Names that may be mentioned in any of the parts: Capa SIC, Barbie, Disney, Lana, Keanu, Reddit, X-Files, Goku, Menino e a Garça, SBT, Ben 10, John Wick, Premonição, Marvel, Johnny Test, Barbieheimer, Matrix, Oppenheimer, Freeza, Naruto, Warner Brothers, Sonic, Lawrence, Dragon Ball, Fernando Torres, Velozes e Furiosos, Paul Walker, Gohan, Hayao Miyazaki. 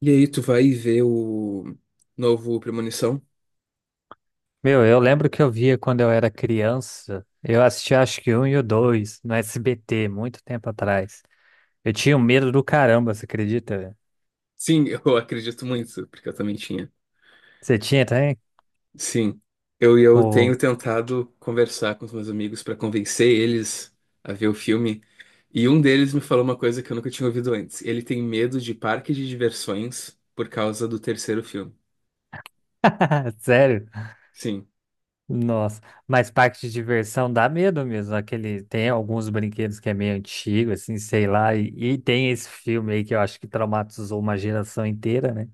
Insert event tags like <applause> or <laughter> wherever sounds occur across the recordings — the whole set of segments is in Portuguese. E aí, tu vai ver o novo Premonição? Meu, eu lembro que eu via quando eu era criança. Eu assistia acho que um e o dois no SBT, muito tempo atrás. Eu tinha um medo do caramba, você acredita, velho? Sim, <laughs> eu acredito muito, porque eu também tinha. Você tinha também? Sim, eu Ô. tenho tentado conversar com os meus amigos para convencer eles a ver o filme. E um deles me falou uma coisa que eu nunca tinha ouvido antes. Ele tem medo de parque de diversões por causa do terceiro filme. <laughs> Sério? Sim. Nossa. Mas parque de diversão dá medo mesmo. Aquele, tem alguns brinquedos que é meio antigo, assim, sei lá. E tem esse filme aí que eu acho que traumatizou uma geração inteira, né?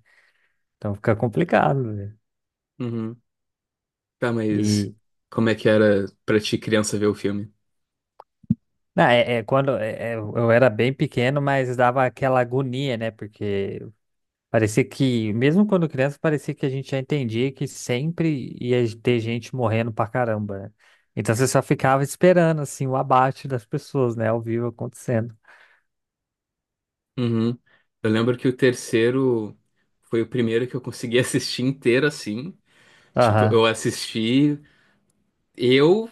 Então fica complicado, velho. Uhum. Tá, mas E. como é que era pra ti, criança, ver o filme? Não, é, é, eu era bem pequeno, mas dava aquela agonia, né? Porque parecia que, mesmo quando criança, parecia que a gente já entendia que sempre ia ter gente morrendo pra caramba, né? Então você só ficava esperando, assim, o abate das pessoas, né? Ao vivo acontecendo. Uhum. Eu lembro que o terceiro foi o primeiro que eu consegui <laughs> assistir inteiro assim. Tipo, eu Aham. assisti eu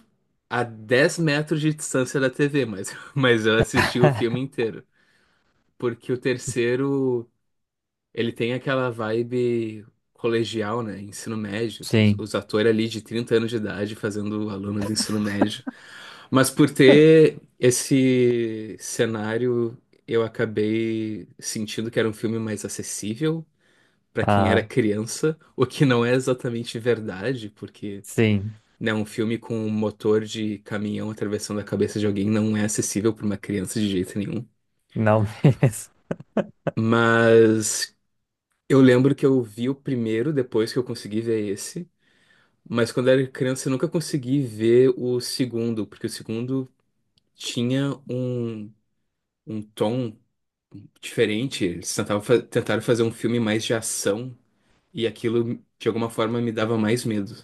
a 10 metros de distância da TV, mas, <laughs> mas eu assisti o filme <laughs> inteiro. Porque o terceiro. Ele tem aquela vibe colegial, né? Ensino médio. Os, Sim. os atores ali de 30 anos de idade fazendo o aluno do ensino médio. Mas por ter esse cenário, eu acabei sentindo que era um filme mais acessível para quem era Aham. criança, o que não é exatamente verdade, porque, Sim. né, um filme com um motor de caminhão atravessando a cabeça de alguém não é acessível para uma criança de jeito nenhum. Não <laughs> mesmo. Mas eu lembro que eu vi o primeiro depois que eu consegui ver esse, mas quando era criança eu nunca consegui ver o segundo, porque o segundo tinha um tom diferente. Eles tentaram fazer um filme mais de ação e aquilo de alguma forma me dava mais medo.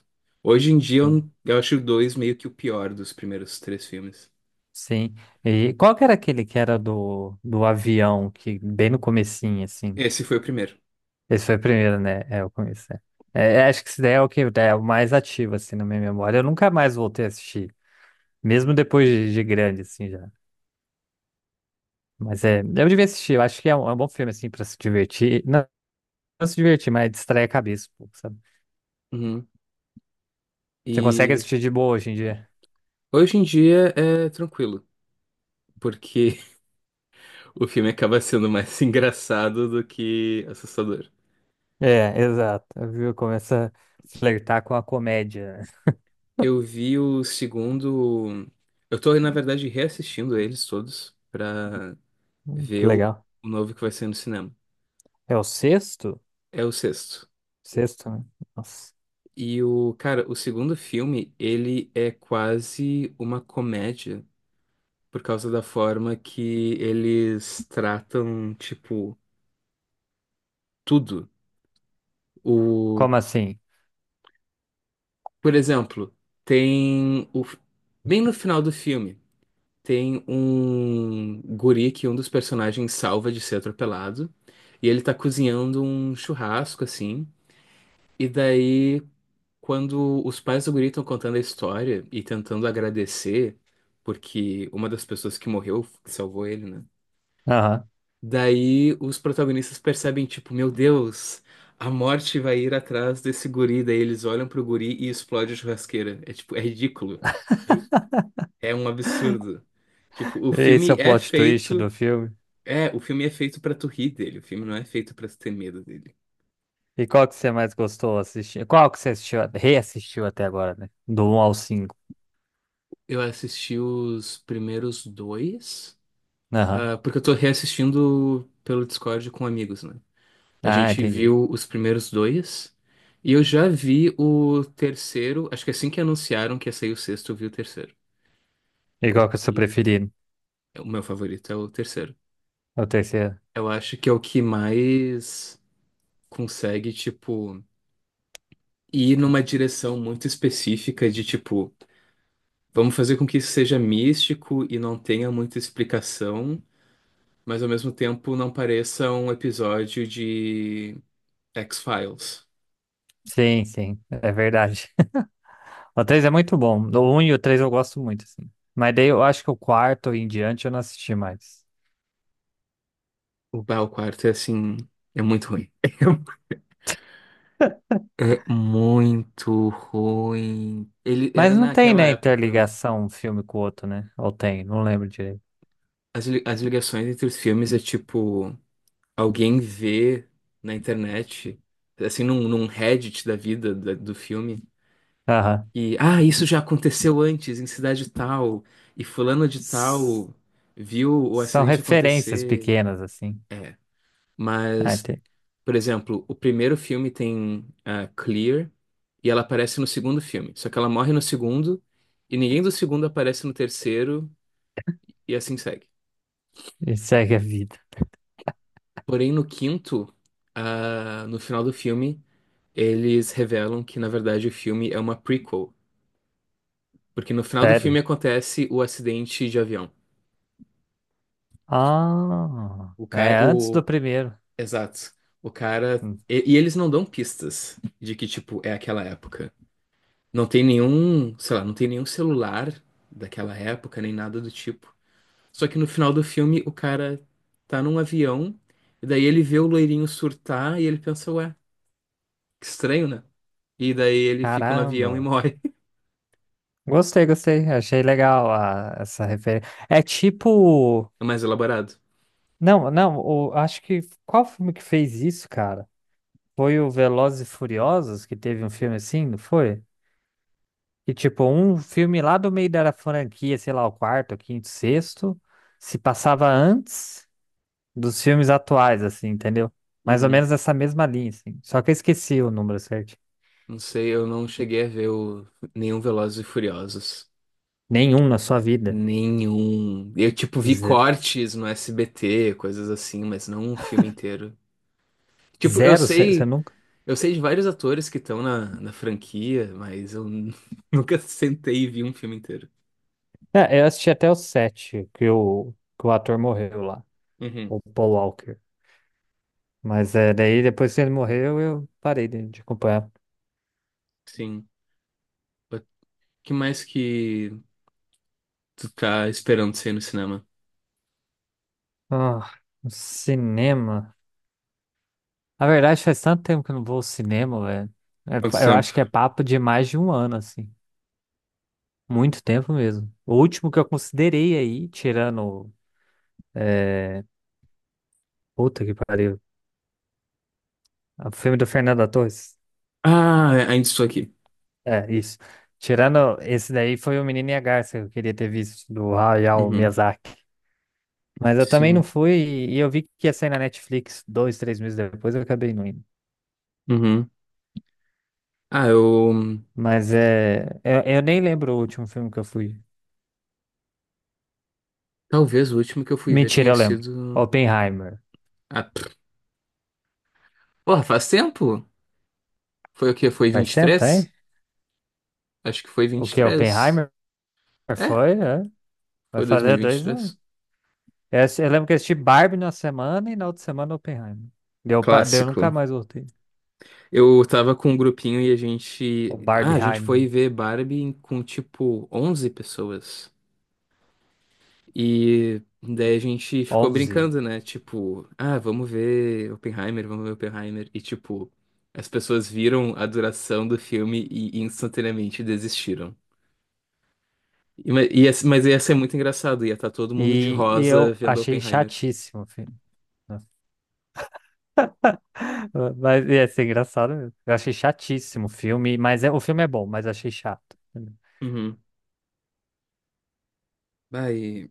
Hoje em dia eu acho o dois meio que o pior dos primeiros três filmes. Sim. E qual que era aquele que era do avião, que bem no comecinho, assim? Esse foi o primeiro. Esse foi o primeiro, né? É, o começo. É, é, acho que esse daí é o que é o mais ativo, assim, na minha memória. Eu nunca mais voltei a assistir. Mesmo depois de grande, assim, já. Mas é, eu devia assistir, eu acho que é um bom filme, assim, pra se divertir. Não, não se divertir, mas distrair a cabeça, um pouco, sabe? Uhum. Você consegue E assistir de boa hoje em dia. hoje em dia é tranquilo, porque <laughs> o filme acaba sendo mais <laughs> engraçado do que assustador. É, exato. Viu? Começa a flertar com a comédia. <laughs> Eu vi o segundo. Eu tô, na verdade, reassistindo eles todos pra Que ver o, legal. o novo que vai ser no cinema. É o sexto? É o sexto. Sexto, né? Nossa. E o, cara, o segundo filme, ele é quase uma comédia por causa da forma que eles tratam, tipo, tudo. O, Como assim? por exemplo, tem bem no final do filme. Tem um guri que um dos personagens salva de ser atropelado. E ele tá cozinhando um churrasco, assim. E daí, quando os pais do guri estão contando a história e tentando agradecer, porque uma das pessoas que morreu, que salvou ele, né? Aham. Daí os protagonistas percebem, tipo, meu Deus, a morte vai ir atrás desse guri. Daí eles olham pro guri e explode a churrasqueira. É tipo, é ridículo. É é um absurdo. Tipo, o Esse é filme o é plot twist feito. do filme. É, o filme é feito pra tu rir dele, o filme não é feito pra tu ter medo dele. E qual que você mais gostou assistir? Qual que você assistiu, reassistiu até agora, né? Do um ao cinco. Eu assisti os primeiros dois, Aham. ah, porque eu tô reassistindo pelo Discord com amigos, né? A Ah, gente entendi. viu os primeiros dois, e eu já vi o terceiro, acho que assim que anunciaram que ia sair o sexto, eu vi o terceiro. E qual que é o seu E preferido? o meu favorito é o terceiro. É o terceiro. Eu acho que é o que mais consegue, tipo, ir numa direção muito específica de, tipo. Vamos fazer com que isso seja místico e não tenha muita explicação, mas ao mesmo tempo não pareça um episódio de X-Files. Sim, sim, é verdade. <laughs> O 3 é muito bom. O um e o 3 eu gosto muito, assim. Mas daí eu acho que o quarto em diante eu não assisti mais. O Bah, o quarto é assim, é muito ruim. <laughs> É muito ruim. Ele Mas era não tem, naquela né, época, interligação um filme com o outro, né? Ou tem, não lembro direito. as ligações entre os filmes é tipo, alguém vê na internet, assim, num Reddit da vida do filme. Aham. E, ah, isso já aconteceu antes, em cidade tal, e fulano de S- tal viu o São acidente referências acontecer. pequenas, assim. É, Ah, mas, tem. por exemplo, o primeiro filme tem a Clear e ela aparece no segundo filme, só que ela morre no segundo e ninguém do segundo aparece no terceiro e assim segue. E segue a vida. Porém, no quinto, ah, no final do filme, eles revelam que, na verdade, o filme é uma prequel, porque no final do filme Sério? acontece o acidente de avião. Ah, O é cara, antes do o. primeiro. Exato. O cara. Hum. E eles não dão pistas de que, tipo, é aquela época. Não tem nenhum, sei lá, não tem nenhum celular daquela época, nem nada do tipo. Só que no final do filme, o cara tá num avião, e daí ele vê o loirinho surtar e ele pensa, ué, que estranho, né? E daí ele fica no avião e Caramba. morre. <laughs> Gostei, gostei. Achei legal essa referência. É tipo. É mais elaborado. Não, não, o- Acho que qual filme que fez isso, cara? Foi o Velozes e Furiosos, que teve um filme assim, não foi? Que tipo, um filme lá do meio da franquia, sei lá, o quarto, o quinto, sexto, se passava antes dos filmes atuais, assim, entendeu? Mais ou Uhum. menos essa mesma linha, assim. Só que eu esqueci o número certo. Não sei, eu não cheguei a ver nenhum Velozes e Furiosos. Nenhum na sua vida. Nenhum. Eu, tipo, vi Ze- cortes no SBT, coisas assim, mas não um filme inteiro. Tipo, eu Zero, você sei, nunca? eu sei de vários atores que estão na franquia, mas eu <laughs> nunca sentei e vi um filme inteiro. É, eu assisti até o sete, que o ator morreu lá, Uhum, o Paul Walker. Mas é, daí depois que ele morreu, eu parei de acompanhar. sim. O que mais que tu tá esperando sair no cinema? Ah, o cinema. Na verdade, faz tanto tempo que eu não vou ao cinema, velho. Quanto É, eu tempo? acho que é papo de mais de um ano, assim. Muito tempo mesmo. O último que eu considerei aí, tirando. É... Puta que pariu. O filme do Fernando Torres. Ah, ainda estou aqui. É, isso. Tirando esse daí, foi o Menino e a Garça que eu queria ter visto, do Hayao Uhum, Miyazaki. Mas eu também não sim. fui, e eu vi que ia sair na Netflix dois, três meses depois, eu acabei não indo. Uhum. Ah, eu. Mas é. Eu nem lembro o último filme que eu fui. Talvez o último que eu fui ver Mentira, tenha eu lembro. sido. Oppenheimer. Ah, pff, porra, faz tempo? Foi o quê? Foi Faz vinte e tempo, tá três aí? Acho que foi O vinte e que? três Oppenheimer? É, Foi, é. Vai foi dois mil e fazer vinte e dois anos. três Eu lembro que eu assisti Barbie na semana e na outra semana Oppenheimer. Deu, nunca Clássico. mais voltei. Eu tava com um grupinho e a gente. O Ah, a gente Barbieheimer. foi ver Barbie com tipo 11 pessoas. E daí a gente ficou Onze. brincando, né? Tipo, ah, vamos ver Oppenheimer, vamos ver Oppenheimer. E tipo, as pessoas viram a duração do filme e instantaneamente desistiram. E, mas ia ser muito engraçado, ia estar todo mundo de E rosa eu vendo achei Oppenheimer. chatíssimo o filme. Nossa. <laughs> Mas ia ser engraçado mesmo. Eu achei chatíssimo o filme, mas o filme é bom, mas achei chato. Uhum. Vai.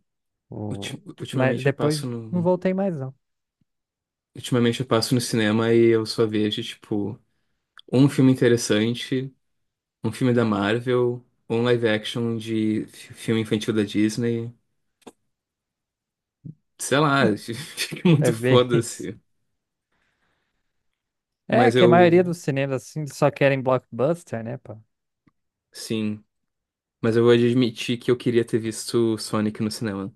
Ulti- O, mas Ultimamente eu passo depois não no, voltei mais, não. ultimamente eu passo no cinema e eu só vejo, tipo, um filme interessante, um filme da Marvel, um live action de filme infantil da Disney. Sei lá, <laughs> <laughs> fica É muito bem isso. foda-se. É Mas que a maioria eu, dos cinemas assim só querem blockbuster, né, pá? sim, mas eu vou admitir que eu queria ter visto Sonic no cinema.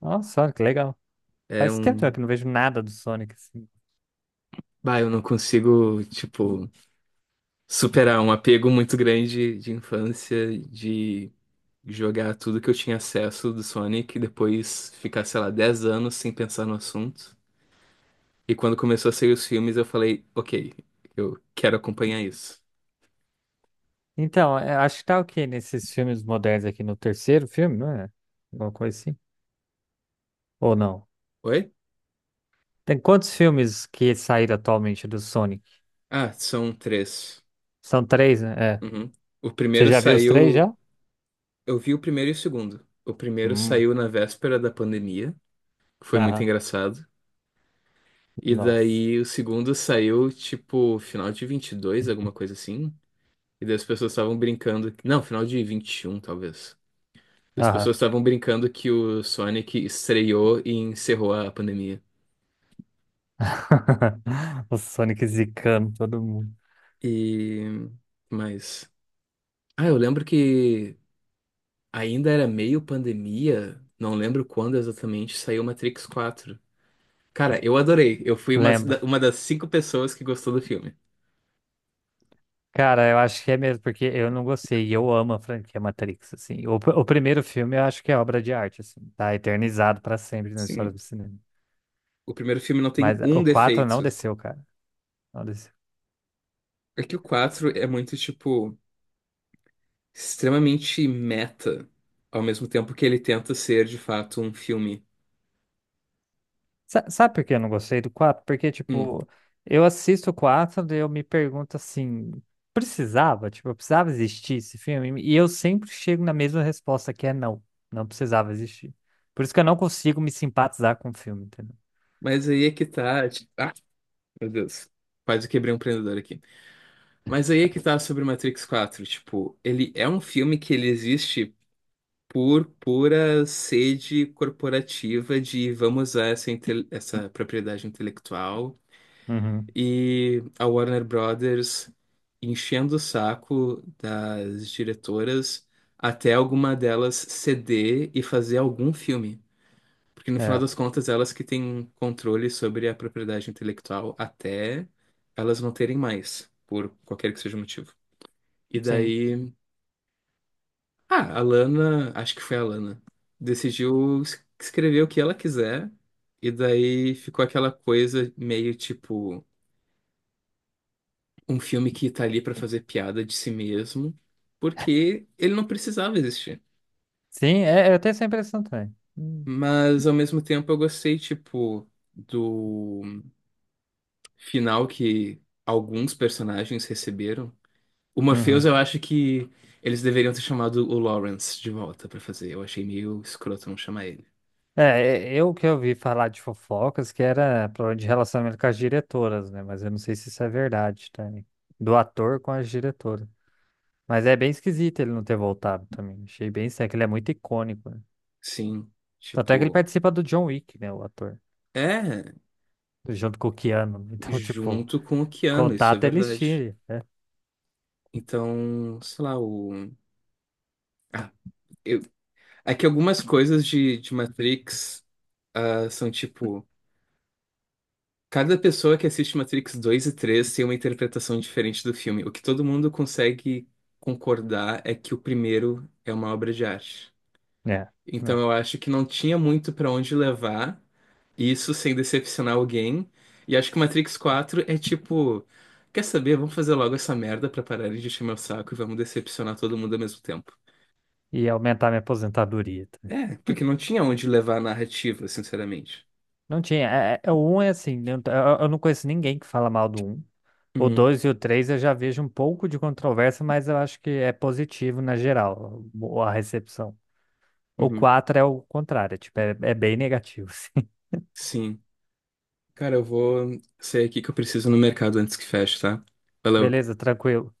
Nossa, olha que legal. É Faz um, tempo já que eu não vejo nada do Sonic assim. bah, eu não consigo, tipo, superar um apego muito grande de infância, de jogar tudo que eu tinha acesso do Sonic, e depois ficar, sei lá, 10 anos sem pensar no assunto. E quando começou a sair os filmes, eu falei, ok, eu quero acompanhar isso. Então, é, acho que tá o quê nesses filmes modernos aqui no terceiro filme, não é? Alguma coisa assim? Ou não? Oi? Tem quantos filmes que saíram atualmente do Sonic? Ah, são três. São três, né? É. Uhum. O Você primeiro já viu os três saiu. já? Eu vi o primeiro e o segundo. O primeiro Hum. saiu na véspera da pandemia, que foi muito Aham. engraçado. E Nossa. daí o segundo saiu, tipo, final de 22 alguma coisa assim. E daí as pessoas estavam brincando. Não, final de 21 talvez. As Aham. pessoas estavam brincando que o Sonic estreou e encerrou a pandemia. <laughs> O Sonic zicando todo mundo. E. Mas. Ah, eu lembro que ainda era meio pandemia, não lembro quando exatamente saiu Matrix 4. Cara, eu adorei. Eu fui uma, Lembro. da- uma das cinco pessoas que gostou do filme. Cara, eu acho que é mesmo, porque eu não gostei, e eu amo a franquia Matrix, assim. O, o primeiro filme eu acho que é obra de arte, assim, tá eternizado pra sempre na história do Sim, cinema. o primeiro filme não tem Mas o um 4 não defeito. desceu, cara, não desceu. É que o S- 4 é muito, tipo, extremamente meta, ao mesmo tempo que ele tenta ser, de fato, um filme. Sabe por que eu não gostei do 4? Porque, Hum. tipo, eu assisto o 4 e eu me pergunto, assim, precisava? Tipo, precisava existir esse filme? E eu sempre chego na mesma resposta, que é não, não precisava existir. Por isso que eu não consigo me simpatizar com o filme, entendeu? Mas aí é que tá. Tipo, ah, meu Deus. Quase quebrei um empreendedor aqui. Mas aí é que tá sobre Matrix quatro. Tipo, ele é um filme que ele existe por pura sede corporativa de vamos usar essa propriedade intelectual Uhum, e a Warner Brothers enchendo o saco das diretoras até alguma delas ceder e fazer algum filme. Porque no final é, das contas, elas que têm controle sobre a propriedade intelectual até elas não terem mais, por qualquer que seja o motivo. E sim. daí, ah, a Lana, acho que foi a Lana, decidiu escrever o que ela quiser, e daí ficou aquela coisa meio tipo um filme que tá ali pra fazer piada de si mesmo, porque ele não precisava existir. Sim, é, eu tenho essa impressão também. Hum. Mas ao mesmo tempo eu gostei, tipo, do final que alguns personagens receberam. O Morpheus, eu Uhum. acho que eles deveriam ter chamado o Lawrence de volta pra fazer. Eu achei meio escroto não chamar ele. É, é, eu que ouvi falar de fofocas que era problema de relacionamento com as diretoras, né? Mas eu não sei se isso é verdade também. Do ator com as diretoras. Mas é bem esquisito ele não ter voltado também. Achei bem estranho, que ele é muito icônico, né? Sim, Tanto é que ele tipo, participa do John Wick, né? O ator. é Junto com o Keanu. Então, <laughs> tipo, junto com o Keanu, isso é contato eles verdade. tinham. Então, sei lá, o. Ah, eu. É que algumas coisas de Matrix, ah, são tipo. Cada pessoa que assiste Matrix 2 e 3 tem uma interpretação diferente do filme. O que todo mundo consegue concordar é que o primeiro é uma obra de arte. É. Então Né? eu acho que não tinha muito pra onde levar isso sem decepcionar alguém. E acho que Matrix 4 é tipo, quer saber? Vamos fazer logo essa merda pra parar de encher meu saco e vamos decepcionar todo mundo ao mesmo tempo. E aumentar minha aposentadoria, tá? É, porque não tinha onde levar a narrativa, sinceramente. Não tinha. O um é assim, né, eu não conheço ninguém que fala mal do um. O Uhum, 2 e o 3 eu já vejo um pouco de controvérsia, mas eu acho que é positivo na geral, a recepção. O uhum. 4 é o contrário, tipo, é bem negativo. <laughs> Assim. Sim. Cara, eu vou sair aqui que eu preciso ir no mercado antes que feche, tá? Valeu. Beleza, tranquilo.